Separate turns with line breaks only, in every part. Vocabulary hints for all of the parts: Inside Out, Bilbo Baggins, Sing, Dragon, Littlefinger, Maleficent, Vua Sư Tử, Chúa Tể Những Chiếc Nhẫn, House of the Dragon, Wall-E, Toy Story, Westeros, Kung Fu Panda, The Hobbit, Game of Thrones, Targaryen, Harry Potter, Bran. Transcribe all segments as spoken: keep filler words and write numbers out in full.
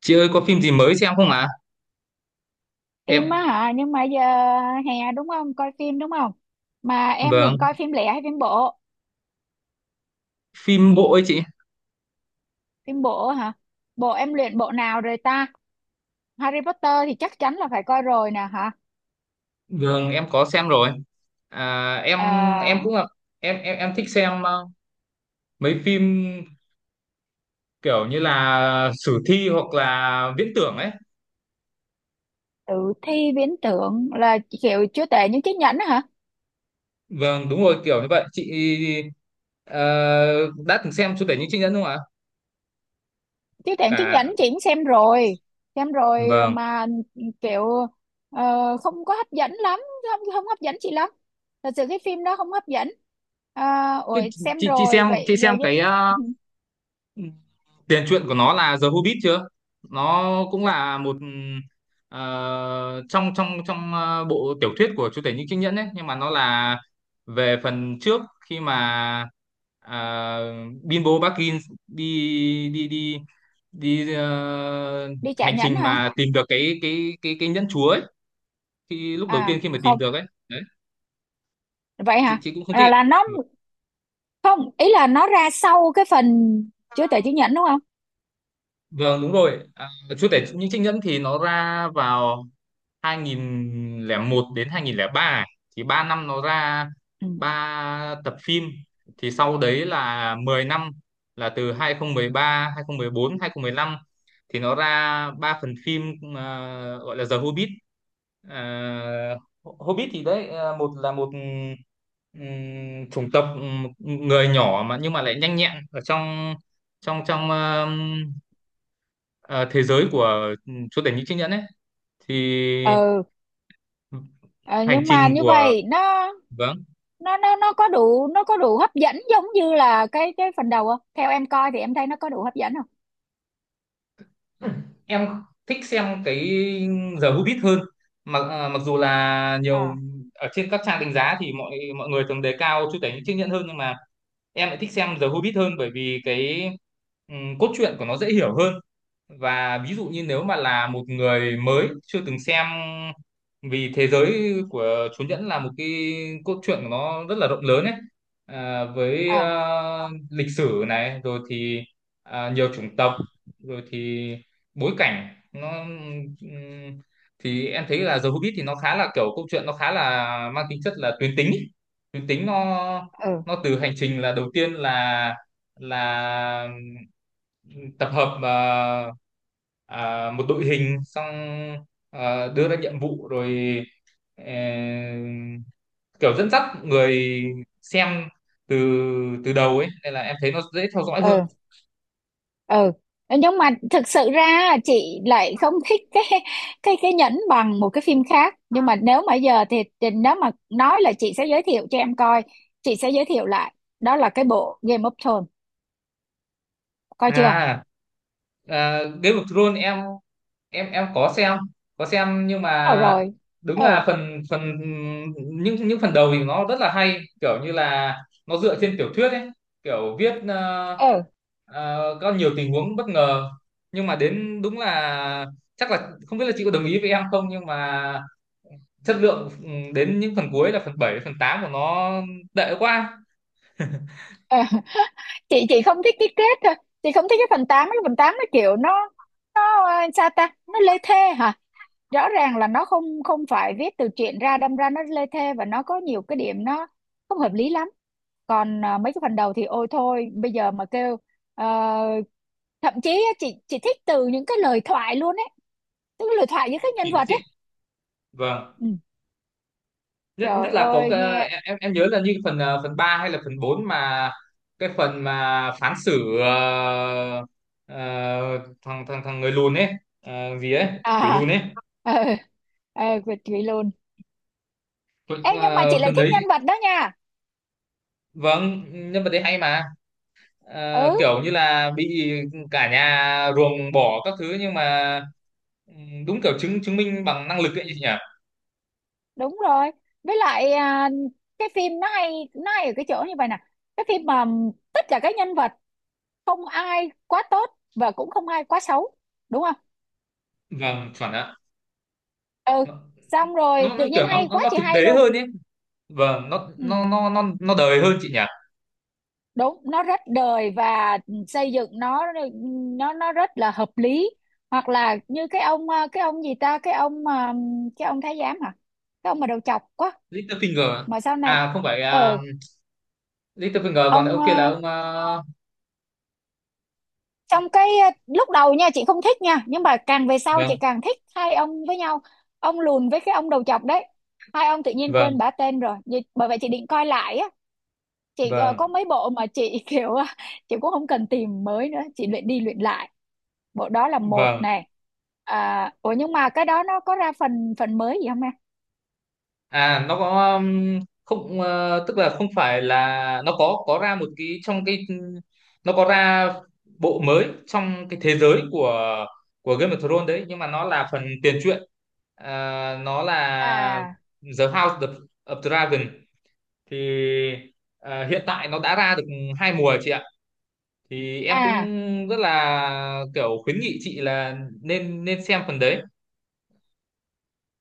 Chị ơi có phim gì mới xem không ạ? Em
Phim á hả? Nhưng mà giờ hè đúng không, coi phim đúng không? Mà em
vâng,
định coi phim lẻ hay phim bộ?
phim bộ ấy chị.
Phim bộ hả? Bộ em luyện bộ nào rồi ta? Harry Potter thì chắc chắn là phải coi rồi nè hả.
Vâng, em có xem rồi. À, em em
à,
cũng là em em em thích xem ờ, mấy phim kiểu như là sử thi hoặc là viễn tưởng ấy.
Tử thi viễn tưởng là kiểu chúa tể những chiếc nhẫn á hả?
Vâng, đúng rồi kiểu như vậy. Chị ờ, đã từng xem chủ tể những chị nhân không ạ?
Chúa tể những chiếc
Cả
nhẫn chị cũng xem rồi. Xem rồi
vâng.
mà kiểu ờ, không có hấp dẫn lắm. Không không hấp dẫn chị lắm. Thật sự cái phim đó không hấp dẫn. À,
Thế
ủa, xem
Chị chị
rồi
xem chị
vậy giờ
xem
với-
cái ờ, tiền truyện của nó là The Hobbit chưa, nó cũng là một ờ, trong trong trong ờ, bộ tiểu thuyết của Chúa Tể Những Chiếc Nhẫn ấy, nhưng mà nó là về phần trước khi mà ờ, Bilbo Baggins đi đi đi đi ờ,
đi trả
hành
nhẫn
trình
hả?
mà tìm được cái cái cái cái nhẫn chúa ấy, khi lúc đầu
À
tiên khi mà tìm
không,
được ấy đấy.
vậy
chị
hả?
chị cũng không thích
Là, là nó, không, ý là nó ra sau cái phần chứa tệ chứng nhận đúng không?
vâng, đúng rồi. à, Chúa Tể Những Chiếc Nhẫn thì nó ra vào hai không không một đến hai không không ba ấy. Thì ba năm nó ra
Ừ.
ba tập phim, thì sau đấy là mười năm, là từ hai không một ba, hai không một bốn, hai không một lăm thì nó ra ba phần phim ờ, gọi là The Hobbit. Ờ, Hobbit thì đấy ờ, một là một ừm, chủng tộc ừm, người nhỏ mà nhưng mà lại nhanh nhẹn ở trong trong trong ờm, ờ, thế giới của ừm, chúa tể những chiếc nhẫn ấy. Thì
Ừ. Ờ,
hành
nhưng mà
trình
như
của
vậy nó
vâng,
nó nó nó có đủ, nó có đủ hấp dẫn giống như là cái cái phần đầu không? Theo em coi thì em thấy nó có đủ hấp dẫn không?
em thích xem cái giờ Hobbit hơn, mặc à, mặc dù là nhiều
À.
ở trên các trang đánh giá thì mọi mọi người thường đề cao Chúa Tể Những Chiếc Nhẫn hơn, nhưng mà em lại thích xem giờ Hobbit hơn, bởi vì cái ừm, cốt truyện của nó dễ hiểu hơn, và ví dụ như nếu mà là một người mới chưa từng xem vì thế giới của Chúa Nhẫn là một cái cốt truyện của nó rất là rộng lớn ấy. À, với
À.
ờ, lịch sử này rồi thì à, nhiều chủng tộc rồi thì bối cảnh nó ừm, thì em thấy là The Hobbit thì nó khá là kiểu câu chuyện nó khá là mang tính chất là tuyến tính ấy. Tuyến tính nó
ừ
nó từ hành trình là đầu tiên là là tập hợp ờ, à, một đội hình, xong à, đưa ra nhiệm vụ rồi ờ, kiểu dẫn dắt người xem từ từ đầu ấy, nên là em thấy nó dễ theo dõi hơn.
ừ ừ Nhưng mà thực sự ra chị lại không thích cái, cái cái nhẫn bằng một cái phim khác. Nhưng mà nếu mà giờ thì, thì nếu mà nói là chị sẽ giới thiệu cho em coi, chị sẽ giới thiệu lại đó là cái bộ Game of Thrones. Coi chưa?
À, à Game of Thrones em, em em có xem, có xem nhưng
Ờ
mà
rồi.
đúng
ừ
là phần phần những những phần đầu thì nó rất là hay, kiểu như là nó dựa trên tiểu thuyết ấy, kiểu viết ờ,
ừ
Ờ, có nhiều tình huống bất ngờ, nhưng mà đến đúng là chắc là không biết là chị có đồng ý với em không, nhưng mà chất lượng ừ, đến những phần cuối là phần bảy phần tám của nó tệ quá.
ừ chị chị không thích cái kết thôi. Chị không thích cái phần tám. Cái phần tám nó kiểu nó nó ờ, sao ta, nó lê thê hả? Rõ ràng là nó không không phải viết từ truyện ra, đâm ra nó lê thê và nó có nhiều cái điểm nó không hợp lý lắm. Còn à, mấy cái phần đầu thì ôi thôi, bây giờ mà kêu ờ, thậm chí á, chị chị thích từ những cái lời thoại luôn ấy. Tức là lời thoại với các nhân
Chỉ với
vật
chị
ấy.
vâng,
Ừ.
nhất nhất
Trời
là có
ơi
cái-
nghe.
em em em nhớ là như phần ờ, phần ba hay là phần bốn mà cái phần mà phán xử ờ, ờ, thằng thằng thằng người lùn ấy, ờ, gì ấy, quỷ lùn
À.
ấy.
Ờ. Ờ Việt Thúy luôn.
Phần-
Ê, nhưng mà chị
ờ,
lại
phần
thích
đấy
nhân vật đó nha.
vâng, nhân vật đấy hay mà. Ờ,
Ừ,
kiểu như là bị cả nhà ruồng bỏ các thứ nhưng mà ừm, đúng kiểu chứng chứng minh bằng năng lực ấy chị nhỉ.
đúng rồi. Với lại à, cái phim nó hay, nó hay ở cái chỗ như vậy nè. Cái phim mà tất cả các nhân vật, không ai quá tốt và cũng không ai quá xấu, đúng không?
Vâng chuẩn ạ.
Ừ.
Nó
Xong rồi
nó, nó
tự nhiên
kiểu nó,
hay
nó
quá
nó
chị,
thực
hay
tế
luôn.
hơn ấy, vâng nó
Ừ,
nó nó nó nó đời hơn chị nhỉ.
đúng, nó rất đời và xây dựng nó, nó nó rất là hợp lý. Hoặc là như cái ông ờ, cái ông gì ta, cái ông ờ, cái ông thái giám hả? Cái ông mà đầu chọc quá
Littlefinger
mà sau này.
à, không phải à,
Ờ,
Littlefinger còn
ông
ông kia là
ờ,
ông à,
trong cái ờ, lúc đầu nha chị không thích nha, nhưng mà càng về sau
vâng
chị càng thích hai ông với nhau. Ông lùn với cái ông đầu chọc đấy. Hai ông tự nhiên quên
vâng
bả tên rồi. Vì- bởi vậy chị định coi lại á. Chị ờ, có
vâng
mấy bộ mà chị kiểu ờ, chị cũng không cần tìm mới nữa, chị luyện đi luyện lại. Bộ đó là một
vâng.
nè. À, ủa nhưng mà cái đó nó có ra phần phần mới gì không em?
À nó có um, không, ờ, tức là không phải là nó có có ra một cái trong cái, nó có ra bộ mới trong cái thế giới của của Game of Thrones đấy, nhưng mà nó là phần tiền truyện. Ờ, nó là
À.
The House of, of Dragon. Thì ờ, hiện tại nó đã ra được hai mùa chị ạ. Thì em
À.
cũng rất là kiểu khuyến nghị chị là nên nên xem phần đấy.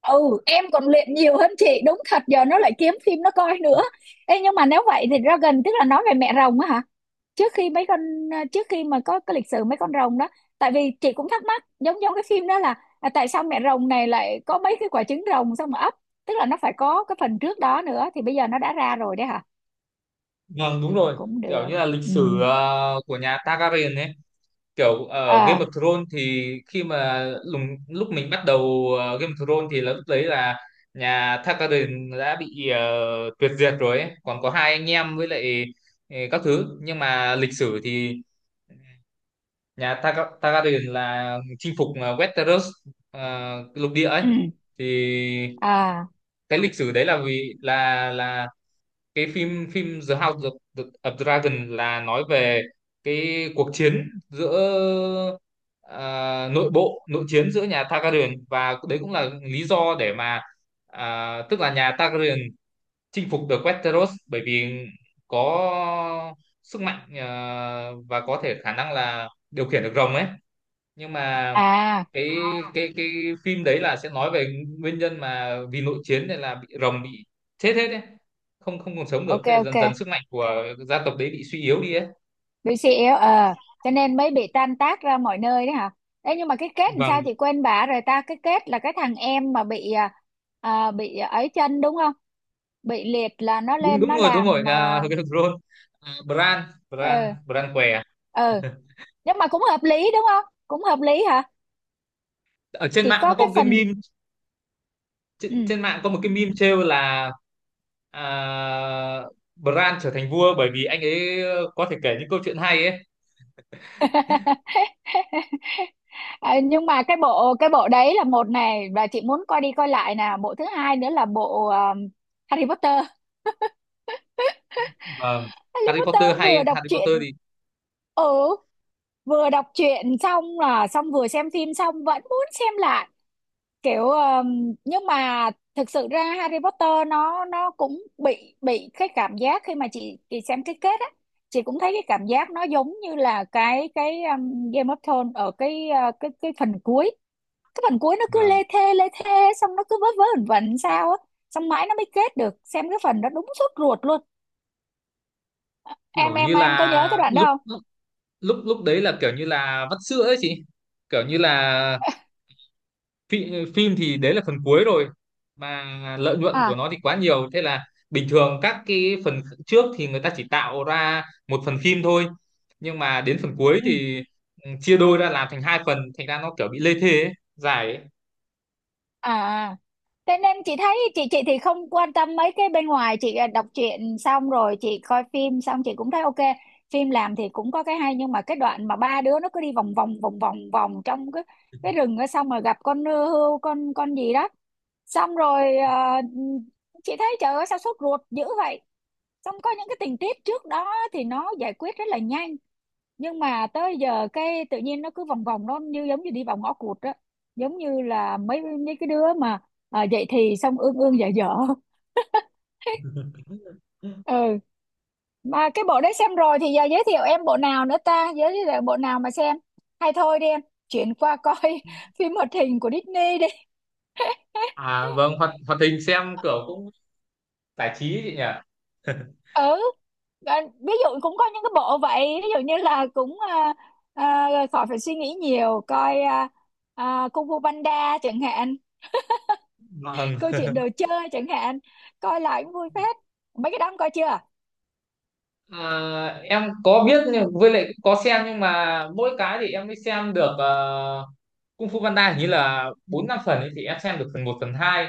Ừ, em còn luyện nhiều hơn chị đúng thật, giờ nó lại kiếm phim nó coi nữa. Ê, nhưng mà nếu vậy thì Dragon tức là nói về mẹ rồng á hả? Trước khi mấy con, à, trước khi mà có cái lịch sử mấy con rồng đó. Tại vì chị cũng thắc mắc giống giống cái phim đó là à, tại sao mẹ rồng này lại có mấy cái quả trứng rồng xong mà ấp. Tức là nó phải có cái phần trước đó nữa thì bây giờ nó đã ra rồi đấy hả?
Vâng đúng rồi,
Cũng
kiểu
được.
như là lịch
Ừ.
sử ờ, của nhà Targaryen ấy, kiểu ở Game
À.
of Thrones thì khi mà lùng, lúc mình bắt đầu ờ, Game of Thrones thì là lúc đấy là nhà Targaryen đã bị ờ, tuyệt diệt rồi ấy. Còn có hai anh em với lại ờ, các thứ, nhưng mà lịch sử thì nhà Targa- Targaryen là chinh phục ờ, Westeros, ờ, lục địa ấy.
Ừ.
Thì
À.
cái lịch sử đấy là vì là là cái phim phim The House of, the, of Dragon là nói về cái cuộc chiến giữa à, nội bộ, nội chiến giữa nhà Targaryen, và đấy cũng là lý do để mà à, tức là nhà Targaryen chinh phục được Westeros bởi vì có sức mạnh à, và có thể khả năng là điều khiển được rồng ấy. Nhưng mà
À.
cái À, cái cái phim đấy là sẽ nói về nguyên nhân mà vì nội chiến nên là bị rồng bị chết hết đấy, không không còn sống được,
Ok,
thế là
ok.
dần dần sức mạnh của gia tộc đấy bị suy yếu đi ấy.
bê xê lờ ờ cho nên mới bị tan tác ra mọi nơi đấy hả? Ê, nhưng mà cái kết làm sao
Vâng
chị quên bả rồi ta? Cái kết là cái thằng em mà bị à, à, bị ấy chân đúng không? Bị liệt là nó
đúng
lên
đúng
nó
rồi đúng rồi
làm
à,
à,
Ron à, Bran Bran
ờ.
Bran què à?
Ờ. Nhưng mà cũng hợp lý đúng không? Cũng hợp lý hả?
Ở trên
Chỉ
mạng nó
có
có
cái
một cái
phần.
meme, trên,
Ừ.
trên mạng có một cái meme trêu là à, Bran trở thành vua bởi vì anh ấy có thể kể những câu chuyện hay ấy.
Ờ, nhưng mà cái bộ, cái bộ đấy là một này và chị muốn coi đi coi lại nè. Bộ thứ hai nữa là bộ à, Harry Potter.
Vâng,
Harry
Harry Potter
Potter
hay
vừa đọc
Harry
truyện.
Potter thì
Ừ. Vừa đọc truyện xong là xong, vừa xem phim xong vẫn muốn xem lại. Kiểu ờm, nhưng mà thực sự ra Harry Potter nó nó cũng bị bị cái cảm giác khi mà chị chị xem cái kết á, chị cũng thấy cái cảm giác nó giống như là cái cái ờm, Game of Thrones ở cái ờ, cái cái phần cuối. Cái phần cuối nó cứ
vâng,
lê thê lê thê, xong nó cứ vớ vớ vẩn vẩn sao á. Xong mãi nó mới kết được xem cái phần đó, đúng sốt ruột luôn. em
kiểu
em
như
em có nhớ cái
là
đoạn
lúc
đó?
lúc lúc lúc đấy là kiểu như là vắt sữa ấy chị, kiểu như là phim, phim thì đấy là phần cuối rồi mà lợi nhuận của
À.
nó thì quá nhiều, thế là bình thường các cái phần trước thì người ta chỉ tạo ra một phần phim thôi, nhưng mà đến phần cuối
Ừ.
thì ừ, chia đôi ra làm thành hai phần, thành ra nó kiểu bị lê thê ấy, dài ấy.
À. À. Thế nên chị thấy, chị chị thì không quan tâm mấy cái bên ngoài chị, à, đọc truyện xong rồi chị coi phim xong chị cũng thấy ok. Phim làm thì cũng có cái hay, nhưng mà cái đoạn mà ba đứa nó cứ đi vòng vòng vòng vòng vòng trong cái cái rừng đó, xong rồi gặp con hươu con con gì đó. Xong rồi à, chị thấy trời ơi sao sốt ruột dữ vậy. Xong có những cái tình tiết trước đó thì nó giải quyết rất là nhanh, nhưng mà tới giờ cái tự nhiên nó cứ vòng vòng, nó như giống như đi vào ngõ cụt á. Giống như là mấy mấy cái đứa mà à, dậy thì xong ương ương dở dở. Ừ. Mà cái bộ đấy xem rồi thì giờ giới thiệu em bộ nào nữa ta? Giới thiệu bộ nào mà xem hay thôi đi em. Chuyển qua coi phim hoạt hình của Disney đi.
À vâng, hoạt hoạt hình xem kiểu cũng giải trí ấy chị nhỉ.
Ừ. Và ví dụ cũng có những cái bộ vậy, ví dụ như là cũng à, à, khỏi phải suy nghĩ nhiều coi, à, à, Kung Fu Panda chẳng hạn.
Vâng.
Câu chuyện đồ chơi chẳng hạn. Coi lại cũng vui phết. Mấy cái đó ông coi chưa?
À, em có biết nhưng với lại cũng có xem, nhưng mà mỗi cái thì em mới xem được ờ, Kung Fu Panda hình như là bốn năm phần ấy, thì em xem được phần một phần hai,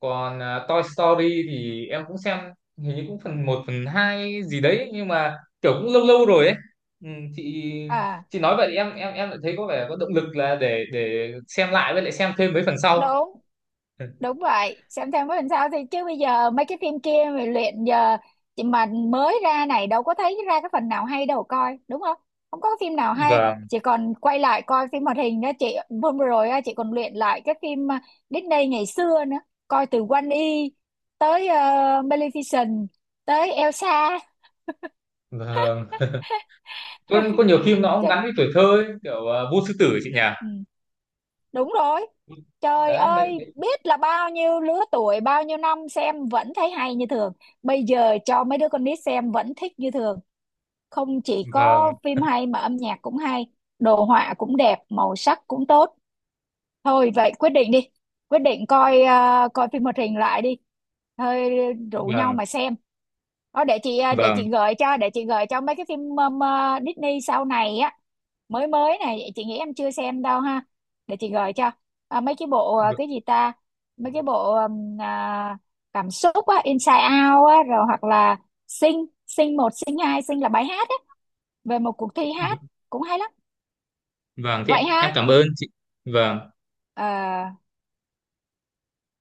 còn ờ, Toy Story thì em cũng xem hình như cũng phần một phần hai gì đấy, nhưng mà kiểu cũng lâu lâu rồi ấy. ừ, chị
À.
chị nói vậy thì em, em em lại thấy có vẻ có động lực là để để xem lại với lại xem thêm mấy phần sau.
Đúng, đúng vậy, xem thêm có làm sao thì chứ bây giờ mấy cái phim kia mà luyện giờ, chị mà mới ra này đâu có thấy ra cái phần nào hay đâu coi đúng không? Không có phim nào hay.
vâng.
Chị còn quay lại coi phim hoạt hình đó chị. Hôm vừa rồi á, chị còn luyện lại cái phim à, Disney ngày xưa nữa. Coi từ Wall-E tới ờ, Maleficent tới Elsa.
Vâng, có, có nhiều phim nó cũng gắn với tuổi thơ ấy, kiểu ờ, Vua Sư Tử ấy chị nhỉ.
Ừ. Đúng rồi. Trời
Đấy mấy
ơi, biết là bao nhiêu lứa tuổi, bao nhiêu năm xem vẫn thấy hay như thường. Bây giờ cho mấy đứa con nít xem vẫn thích như thường. Không chỉ có
vâng
phim hay mà âm nhạc cũng hay, đồ họa cũng đẹp, màu sắc cũng tốt. Thôi vậy quyết định đi, quyết định coi à, coi phim hoạt hình lại đi. Thôi, rủ nhau
vâng
mà xem. Đó để chị, à, để
vâng
chị gợi cho, để chị gợi cho mấy cái phim um, à, Disney sau này á, mới mới này chị nghĩ em chưa xem đâu ha. Để chị gợi cho à, mấy cái bộ à,
v-
cái gì ta, mấy cái bộ um, à, cảm xúc á Inside Out á, rồi hoặc là Sing Sing một Sing hai. Sing là bài hát á, về một cuộc thi
v-
hát, cũng hay lắm.
vâng
Vậy
thế em
ha.
cảm ơn chị. Vâng.
Ờ.